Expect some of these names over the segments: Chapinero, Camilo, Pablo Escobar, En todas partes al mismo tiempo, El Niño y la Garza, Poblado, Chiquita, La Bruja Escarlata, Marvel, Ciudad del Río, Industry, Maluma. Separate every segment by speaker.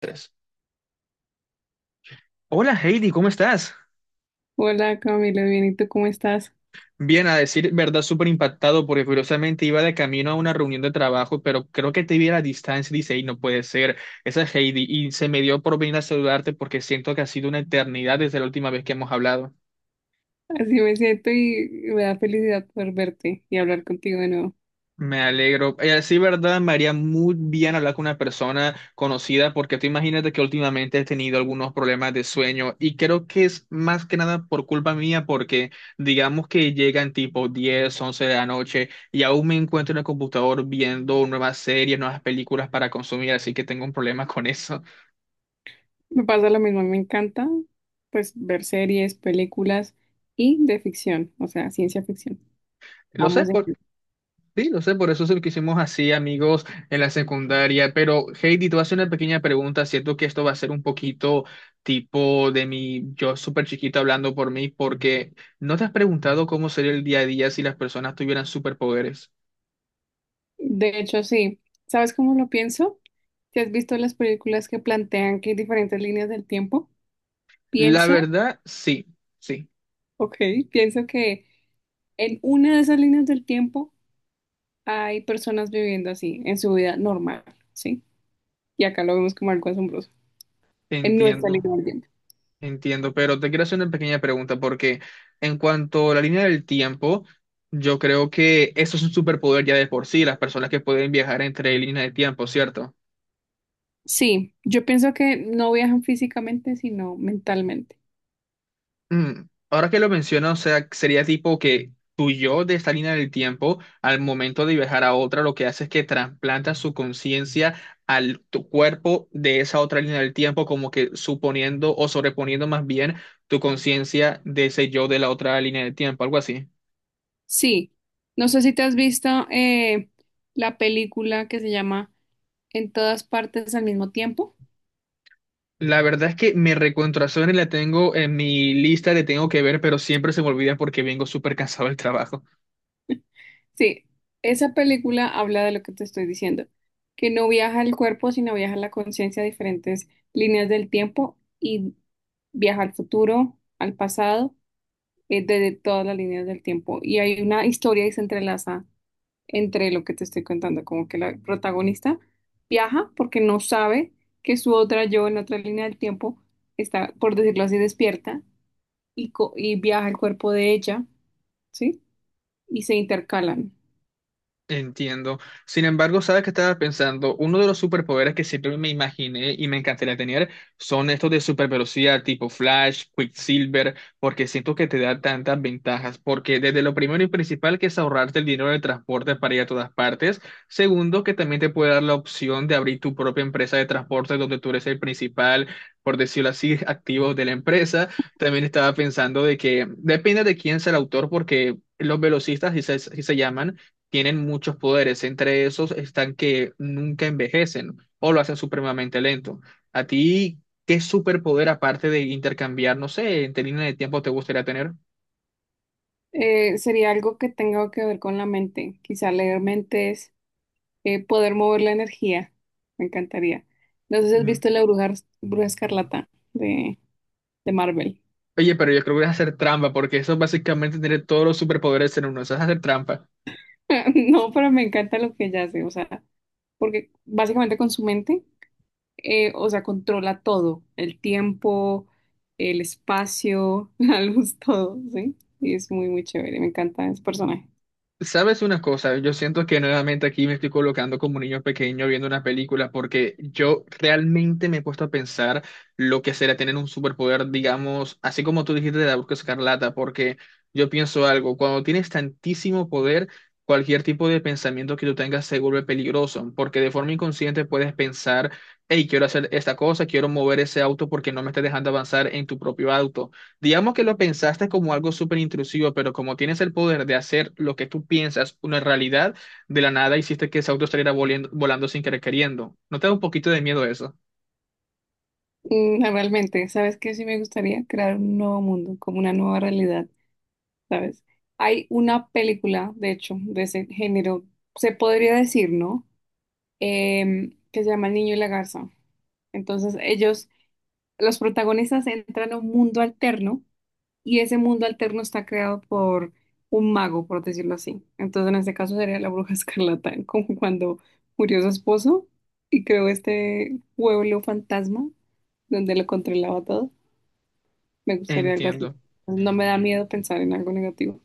Speaker 1: Tres. Hola Heidi, ¿cómo estás?
Speaker 2: Hola Camilo, bien, ¿y tú cómo estás?
Speaker 1: Bien, a decir verdad, súper impactado porque curiosamente iba de camino a una reunión de trabajo, pero creo que te vi a la distancia y dice, "Ey, no puede ser, esa es Heidi, y se me dio por venir a saludarte porque siento que ha sido una eternidad desde la última vez que hemos hablado.
Speaker 2: Así me siento y me da felicidad poder verte y hablar contigo de nuevo.
Speaker 1: Me alegro. Sí, verdad, me haría muy bien hablar con una persona conocida porque tú imagínate que últimamente he tenido algunos problemas de sueño y creo que es más que nada por culpa mía porque digamos que llegan tipo 10, 11 de la noche y aún me encuentro en el computador viendo nuevas series, nuevas películas para consumir, así que tengo un problema con eso.
Speaker 2: Me pasa lo mismo, me encanta pues ver series, películas y de ficción, o sea, ciencia ficción.
Speaker 1: Lo sé.
Speaker 2: Vamos de...
Speaker 1: Sí, lo sé, por eso se lo hicimos así, amigos, en la secundaria. Pero, Heidi, te voy a hacer una pequeña pregunta. Siento que esto va a ser un poquito tipo de mi yo súper chiquito hablando por mí, porque ¿no te has preguntado cómo sería el día a día si las personas tuvieran superpoderes?
Speaker 2: De hecho, sí. ¿Sabes cómo lo pienso? Si has visto las películas que plantean que hay diferentes líneas del tiempo,
Speaker 1: La
Speaker 2: pienso,
Speaker 1: verdad, sí, sí,
Speaker 2: ok, pienso que en una de esas líneas del tiempo hay personas viviendo así, en su vida normal, ¿sí? Y acá lo vemos como algo asombroso. En nuestra
Speaker 1: entiendo,
Speaker 2: línea del tiempo.
Speaker 1: entiendo. Pero te quiero hacer una pequeña pregunta, porque en cuanto a la línea del tiempo, yo creo que eso es un superpoder ya de por sí, las personas que pueden viajar entre líneas de tiempo, ¿cierto?
Speaker 2: Sí, yo pienso que no viajan físicamente, sino mentalmente.
Speaker 1: Mm. Ahora que lo menciono, o sea, sería tipo que tu yo de esta línea del tiempo, al momento de viajar a otra, lo que hace es que trasplanta su conciencia al tu cuerpo de esa otra línea del tiempo, como que suponiendo o sobreponiendo más bien tu conciencia de ese yo de la otra línea del tiempo, algo así.
Speaker 2: Sí, no sé si te has visto la película que se llama En todas partes al mismo tiempo.
Speaker 1: La verdad es que mi recontraserie la tengo en mi lista de tengo que ver, pero siempre se me olvida porque vengo súper cansado del trabajo.
Speaker 2: Sí, esa película habla de lo que te estoy diciendo, que no viaja el cuerpo, sino viaja la conciencia a diferentes líneas del tiempo y viaja al futuro, al pasado, desde todas las líneas del tiempo. Y hay una historia y se entrelaza entre lo que te estoy contando, como que la protagonista viaja porque no sabe que su otra yo en otra línea del tiempo está, por decirlo así, despierta y viaja el cuerpo de ella, ¿sí? Y se intercalan.
Speaker 1: Entiendo. Sin embargo, ¿sabes qué estaba pensando? Uno de los superpoderes que siempre me imaginé y me encantaría tener son estos de super velocidad tipo Flash, Quicksilver, porque siento que te da tantas ventajas. Porque desde lo primero y principal que es ahorrarte el dinero de transporte para ir a todas partes. Segundo, que también te puede dar la opción de abrir tu propia empresa de transporte donde tú eres el principal, por decirlo así, activo de la empresa. También estaba pensando de que depende de quién sea el autor porque... Los velocistas, si se llaman, tienen muchos poderes. Entre esos están que nunca envejecen o lo hacen supremamente lento. ¿A ti qué superpoder, aparte de intercambiar, no sé, en línea de tiempo, te gustaría tener?
Speaker 2: Sería algo que tenga que ver con la mente, quizá leer mentes, poder mover la energía, me encantaría. No sé si has
Speaker 1: Mm.
Speaker 2: visto La Bruja, Bruja Escarlata de Marvel.
Speaker 1: Oye, pero yo creo que es hacer trampa, porque eso es básicamente tener todos los superpoderes en uno. Eso es hacer trampa.
Speaker 2: No, pero me encanta lo que ella hace, o sea, porque básicamente con su mente o sea, controla todo, el tiempo, el espacio, la luz, todo, ¿sí? Y es muy, muy chévere, me encanta ese personaje.
Speaker 1: Sabes una cosa, yo siento que nuevamente aquí me estoy colocando como un niño pequeño viendo una película porque yo realmente me he puesto a pensar lo que será tener un superpoder, digamos, así como tú dijiste de la Bruja Escarlata, porque yo pienso algo, cuando tienes tantísimo poder, cualquier tipo de pensamiento que tú tengas se vuelve peligroso, porque de forma inconsciente puedes pensar, hey, quiero hacer esta cosa, quiero mover ese auto porque no me está dejando avanzar en tu propio auto. Digamos que lo pensaste como algo súper intrusivo, pero como tienes el poder de hacer lo que tú piensas una realidad, de la nada hiciste que ese auto saliera volando, volando sin querer queriendo. ¿No te da un poquito de miedo eso?
Speaker 2: Mm, realmente, ¿sabes qué? Sí me gustaría crear un nuevo mundo, como una nueva realidad, ¿sabes? Hay una película, de hecho, de ese género, se podría decir, ¿no? Que se llama El Niño y la Garza. Entonces, ellos, los protagonistas entran a un mundo alterno y ese mundo alterno está creado por un mago, por decirlo así. Entonces, en este caso sería la bruja escarlata, como cuando murió su esposo y creó este pueblo fantasma donde lo controlaba todo. Me gustaría algo así.
Speaker 1: Entiendo.
Speaker 2: No me da miedo pensar en algo negativo.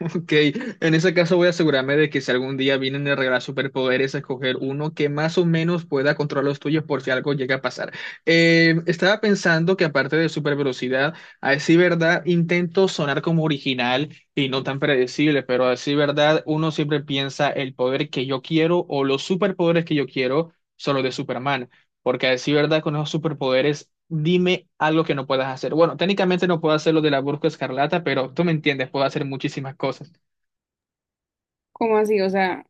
Speaker 1: Ok, en ese caso voy a asegurarme de que si algún día vienen a regalar superpoderes, a escoger uno que más o menos pueda controlar los tuyos por si algo llega a pasar. Estaba pensando que aparte de super velocidad, a decir verdad, intento sonar como original y no tan predecible, pero a decir verdad, uno siempre piensa el poder que yo quiero o los superpoderes que yo quiero son los de Superman, porque a decir verdad, con esos superpoderes... Dime algo que no puedas hacer. Bueno, técnicamente no puedo hacer lo de la Burka Escarlata, pero tú me entiendes, puedo hacer muchísimas cosas.
Speaker 2: ¿Cómo así? O sea,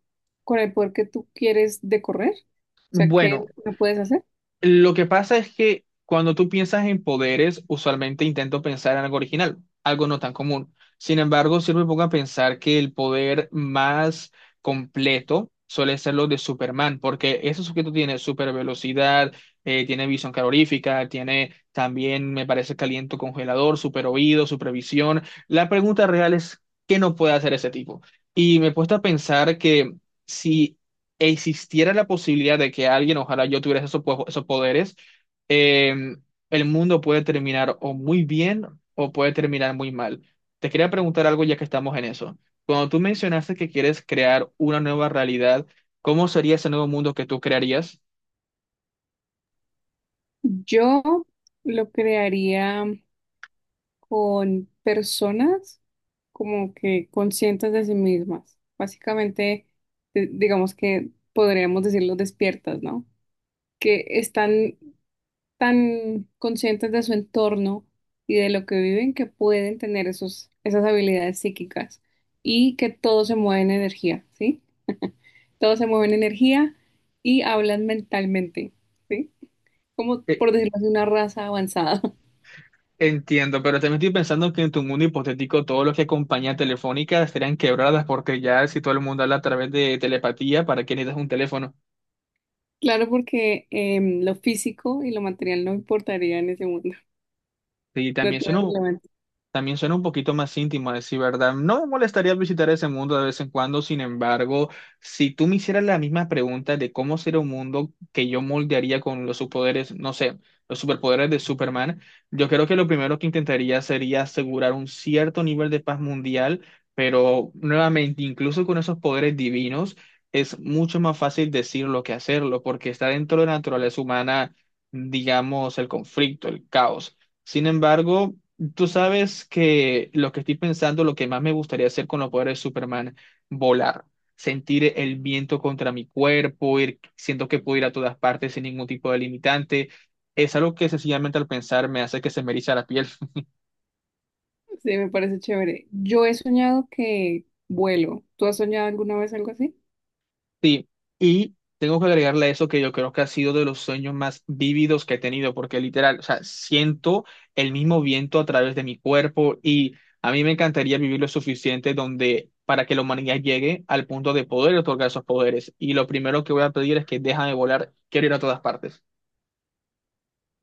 Speaker 2: con el poder que tú quieres de correr, o sea, ¿qué
Speaker 1: Bueno,
Speaker 2: no puedes hacer?
Speaker 1: lo que pasa es que cuando tú piensas en poderes, usualmente intento pensar en algo original, algo no tan común. Sin embargo, si me pongo a pensar que el poder más completo suele ser lo de Superman, porque ese sujeto tiene super velocidad, tiene visión calorífica, tiene también, me parece, caliente congelador, super oído, supervisión. La pregunta real es, ¿qué no puede hacer ese tipo? Y me he puesto a pensar que... Si existiera la posibilidad de que alguien, ojalá yo tuviera esos poderes, eh, el mundo puede terminar o muy bien o puede terminar muy mal. Te quería preguntar algo ya que estamos en eso. Cuando tú mencionaste que quieres crear una nueva realidad, ¿cómo sería ese nuevo mundo que tú crearías?
Speaker 2: Yo lo crearía con personas como que conscientes de sí mismas. Básicamente, digamos que podríamos decirlo despiertas, ¿no? Que están tan conscientes de su entorno y de lo que viven que pueden tener esas habilidades psíquicas y que todo se mueve en energía, ¿sí? Todo se mueve en energía y hablan mentalmente, ¿sí? Como
Speaker 1: Eh,
Speaker 2: por decirlo así, una raza avanzada.
Speaker 1: Entiendo, pero también estoy pensando que en tu mundo hipotético todo lo que acompaña telefónica estarían quebradas porque ya si todo el mundo habla a través de telepatía, ¿para qué necesitas un teléfono?
Speaker 2: Claro, porque lo físico y lo material no importaría en ese mundo.
Speaker 1: Y
Speaker 2: No
Speaker 1: también
Speaker 2: tiene
Speaker 1: suena
Speaker 2: relevancia.
Speaker 1: También suena un poquito más íntimo, a decir verdad. No me molestaría visitar ese mundo de vez en cuando, sin embargo, si tú me hicieras la misma pregunta de cómo sería un mundo que yo moldearía con los superpoderes, no sé, los superpoderes de Superman, yo creo que lo primero que intentaría sería asegurar un cierto nivel de paz mundial, pero nuevamente, incluso con esos poderes divinos, es mucho más fácil decirlo que hacerlo, porque está dentro de la naturaleza humana, digamos, el conflicto, el caos. Sin embargo, tú sabes que lo que estoy pensando, lo que más me gustaría hacer con los poderes de Superman, volar, sentir el viento contra mi cuerpo, ir, siento que puedo ir a todas partes sin ningún tipo de limitante, es algo que sencillamente al pensar me hace que se me eriza la piel.
Speaker 2: Sí, me parece chévere. Yo he soñado que vuelo. ¿Tú has soñado alguna vez algo así?
Speaker 1: Sí, y tengo que agregarle a eso que yo creo que ha sido de los sueños más vívidos que he tenido, porque literal, o sea, siento el mismo viento a través de mi cuerpo y a mí me encantaría vivir lo suficiente donde para que la humanidad llegue al punto de poder otorgar esos poderes. Y lo primero que voy a pedir es que déjame volar, quiero ir a todas partes.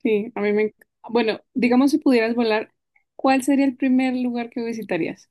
Speaker 2: Sí, a mí me... enc- Bueno, digamos si pudieras volar, ¿cuál sería el primer lugar que visitarías?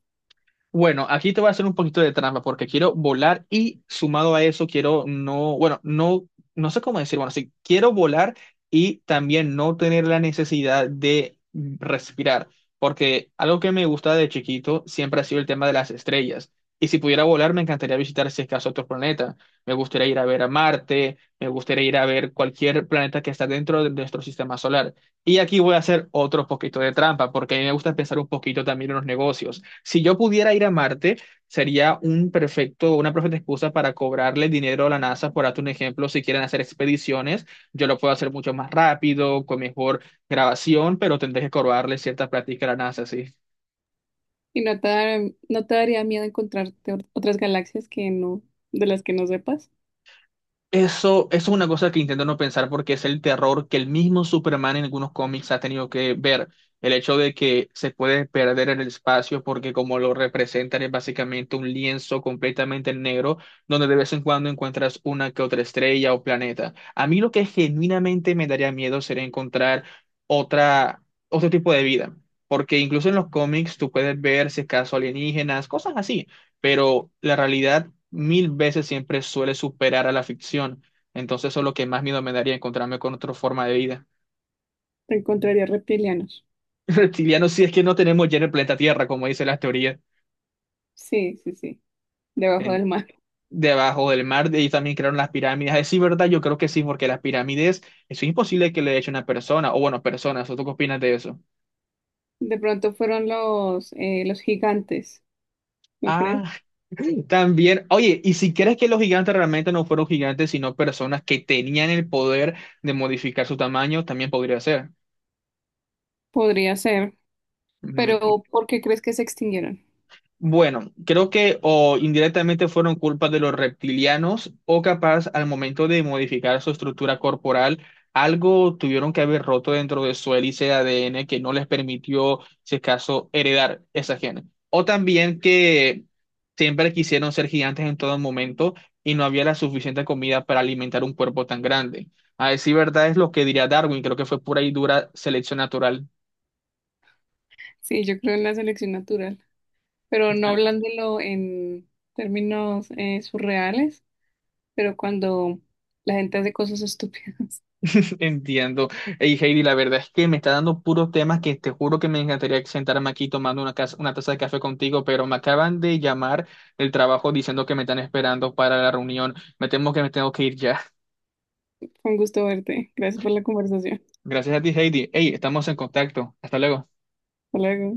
Speaker 1: Bueno, aquí te voy a hacer un poquito de trampa porque quiero volar y sumado a eso quiero no, bueno, no, no sé cómo decir, bueno, sí, quiero volar y también no tener la necesidad de respirar, porque algo que me gusta de chiquito siempre ha sido el tema de las estrellas. Y si pudiera volar, me encantaría visitar, si es caso, otro planeta. Me gustaría ir a ver a Marte, me gustaría ir a ver cualquier planeta que está dentro de nuestro sistema solar. Y aquí voy a hacer otro poquito de trampa, porque a mí me gusta pensar un poquito también en los negocios. Si yo pudiera ir a Marte, sería una perfecta excusa para cobrarle dinero a la NASA, por darte un ejemplo, si quieren hacer expediciones, yo lo puedo hacer mucho más rápido, con mejor grabación, pero tendré que cobrarle cierta práctica a la NASA, sí.
Speaker 2: Y no te daría miedo encontrarte otras galaxias que no, de las que no sepas.
Speaker 1: Eso es una cosa que intento no pensar porque es el terror que el mismo Superman en algunos cómics ha tenido que ver. El hecho de que se puede perder en el espacio porque como lo representan es básicamente un lienzo completamente negro donde de vez en cuando encuentras una que otra estrella o planeta. A mí lo que genuinamente me daría miedo sería encontrar otra, otro tipo de vida. Porque incluso en los cómics tú puedes ver si acaso alienígenas, cosas así pero la realidad mil veces siempre suele superar a la ficción. Entonces eso es lo que más miedo me daría, encontrarme con otra forma de vida.
Speaker 2: Te encontrarías reptilianos.
Speaker 1: Reptilianos, si es que no tenemos ya en el planeta Tierra, como dicen las teorías,
Speaker 2: Sí, sí, sí. Debajo del
Speaker 1: en-
Speaker 2: mar.
Speaker 1: debajo del mar, de ahí también crearon las pirámides. Es sí, ¿verdad? Yo creo que sí, porque las pirámides, eso es imposible que le eche una persona, o bueno, personas, ¿o tú qué opinas de eso?
Speaker 2: De pronto fueron los gigantes, ¿no crees?
Speaker 1: Ah, también, oye, ¿y si crees que los gigantes realmente no fueron gigantes, sino personas que tenían el poder de modificar su tamaño, también podría ser?
Speaker 2: Podría ser,
Speaker 1: Ujú.
Speaker 2: pero ¿por qué crees que se extinguieron?
Speaker 1: Bueno, creo que o indirectamente fueron culpa de los reptilianos o capaz al momento de modificar su estructura corporal, algo tuvieron que haber roto dentro de su hélice de ADN que no les permitió, si es caso, heredar esa genes. O también que siempre quisieron ser gigantes en todo momento y no había la suficiente comida para alimentar un cuerpo tan grande. A decir verdad es lo que diría Darwin, creo que fue pura y dura selección natural.
Speaker 2: Sí, yo creo en la selección natural, pero no hablándolo en términos surreales, pero cuando la gente hace cosas estúpidas.
Speaker 1: Entiendo. Hey, Heidi, la verdad es que me está dando puros temas que te juro que me encantaría sentarme aquí tomando una, una taza de café contigo, pero me acaban de llamar del trabajo diciendo que me están esperando para la reunión. Me temo que me tengo que ir ya.
Speaker 2: Fue un gusto verte. Gracias por la conversación.
Speaker 1: Gracias a ti, Heidi. Hey, estamos en contacto. Hasta luego.
Speaker 2: Hasta luego.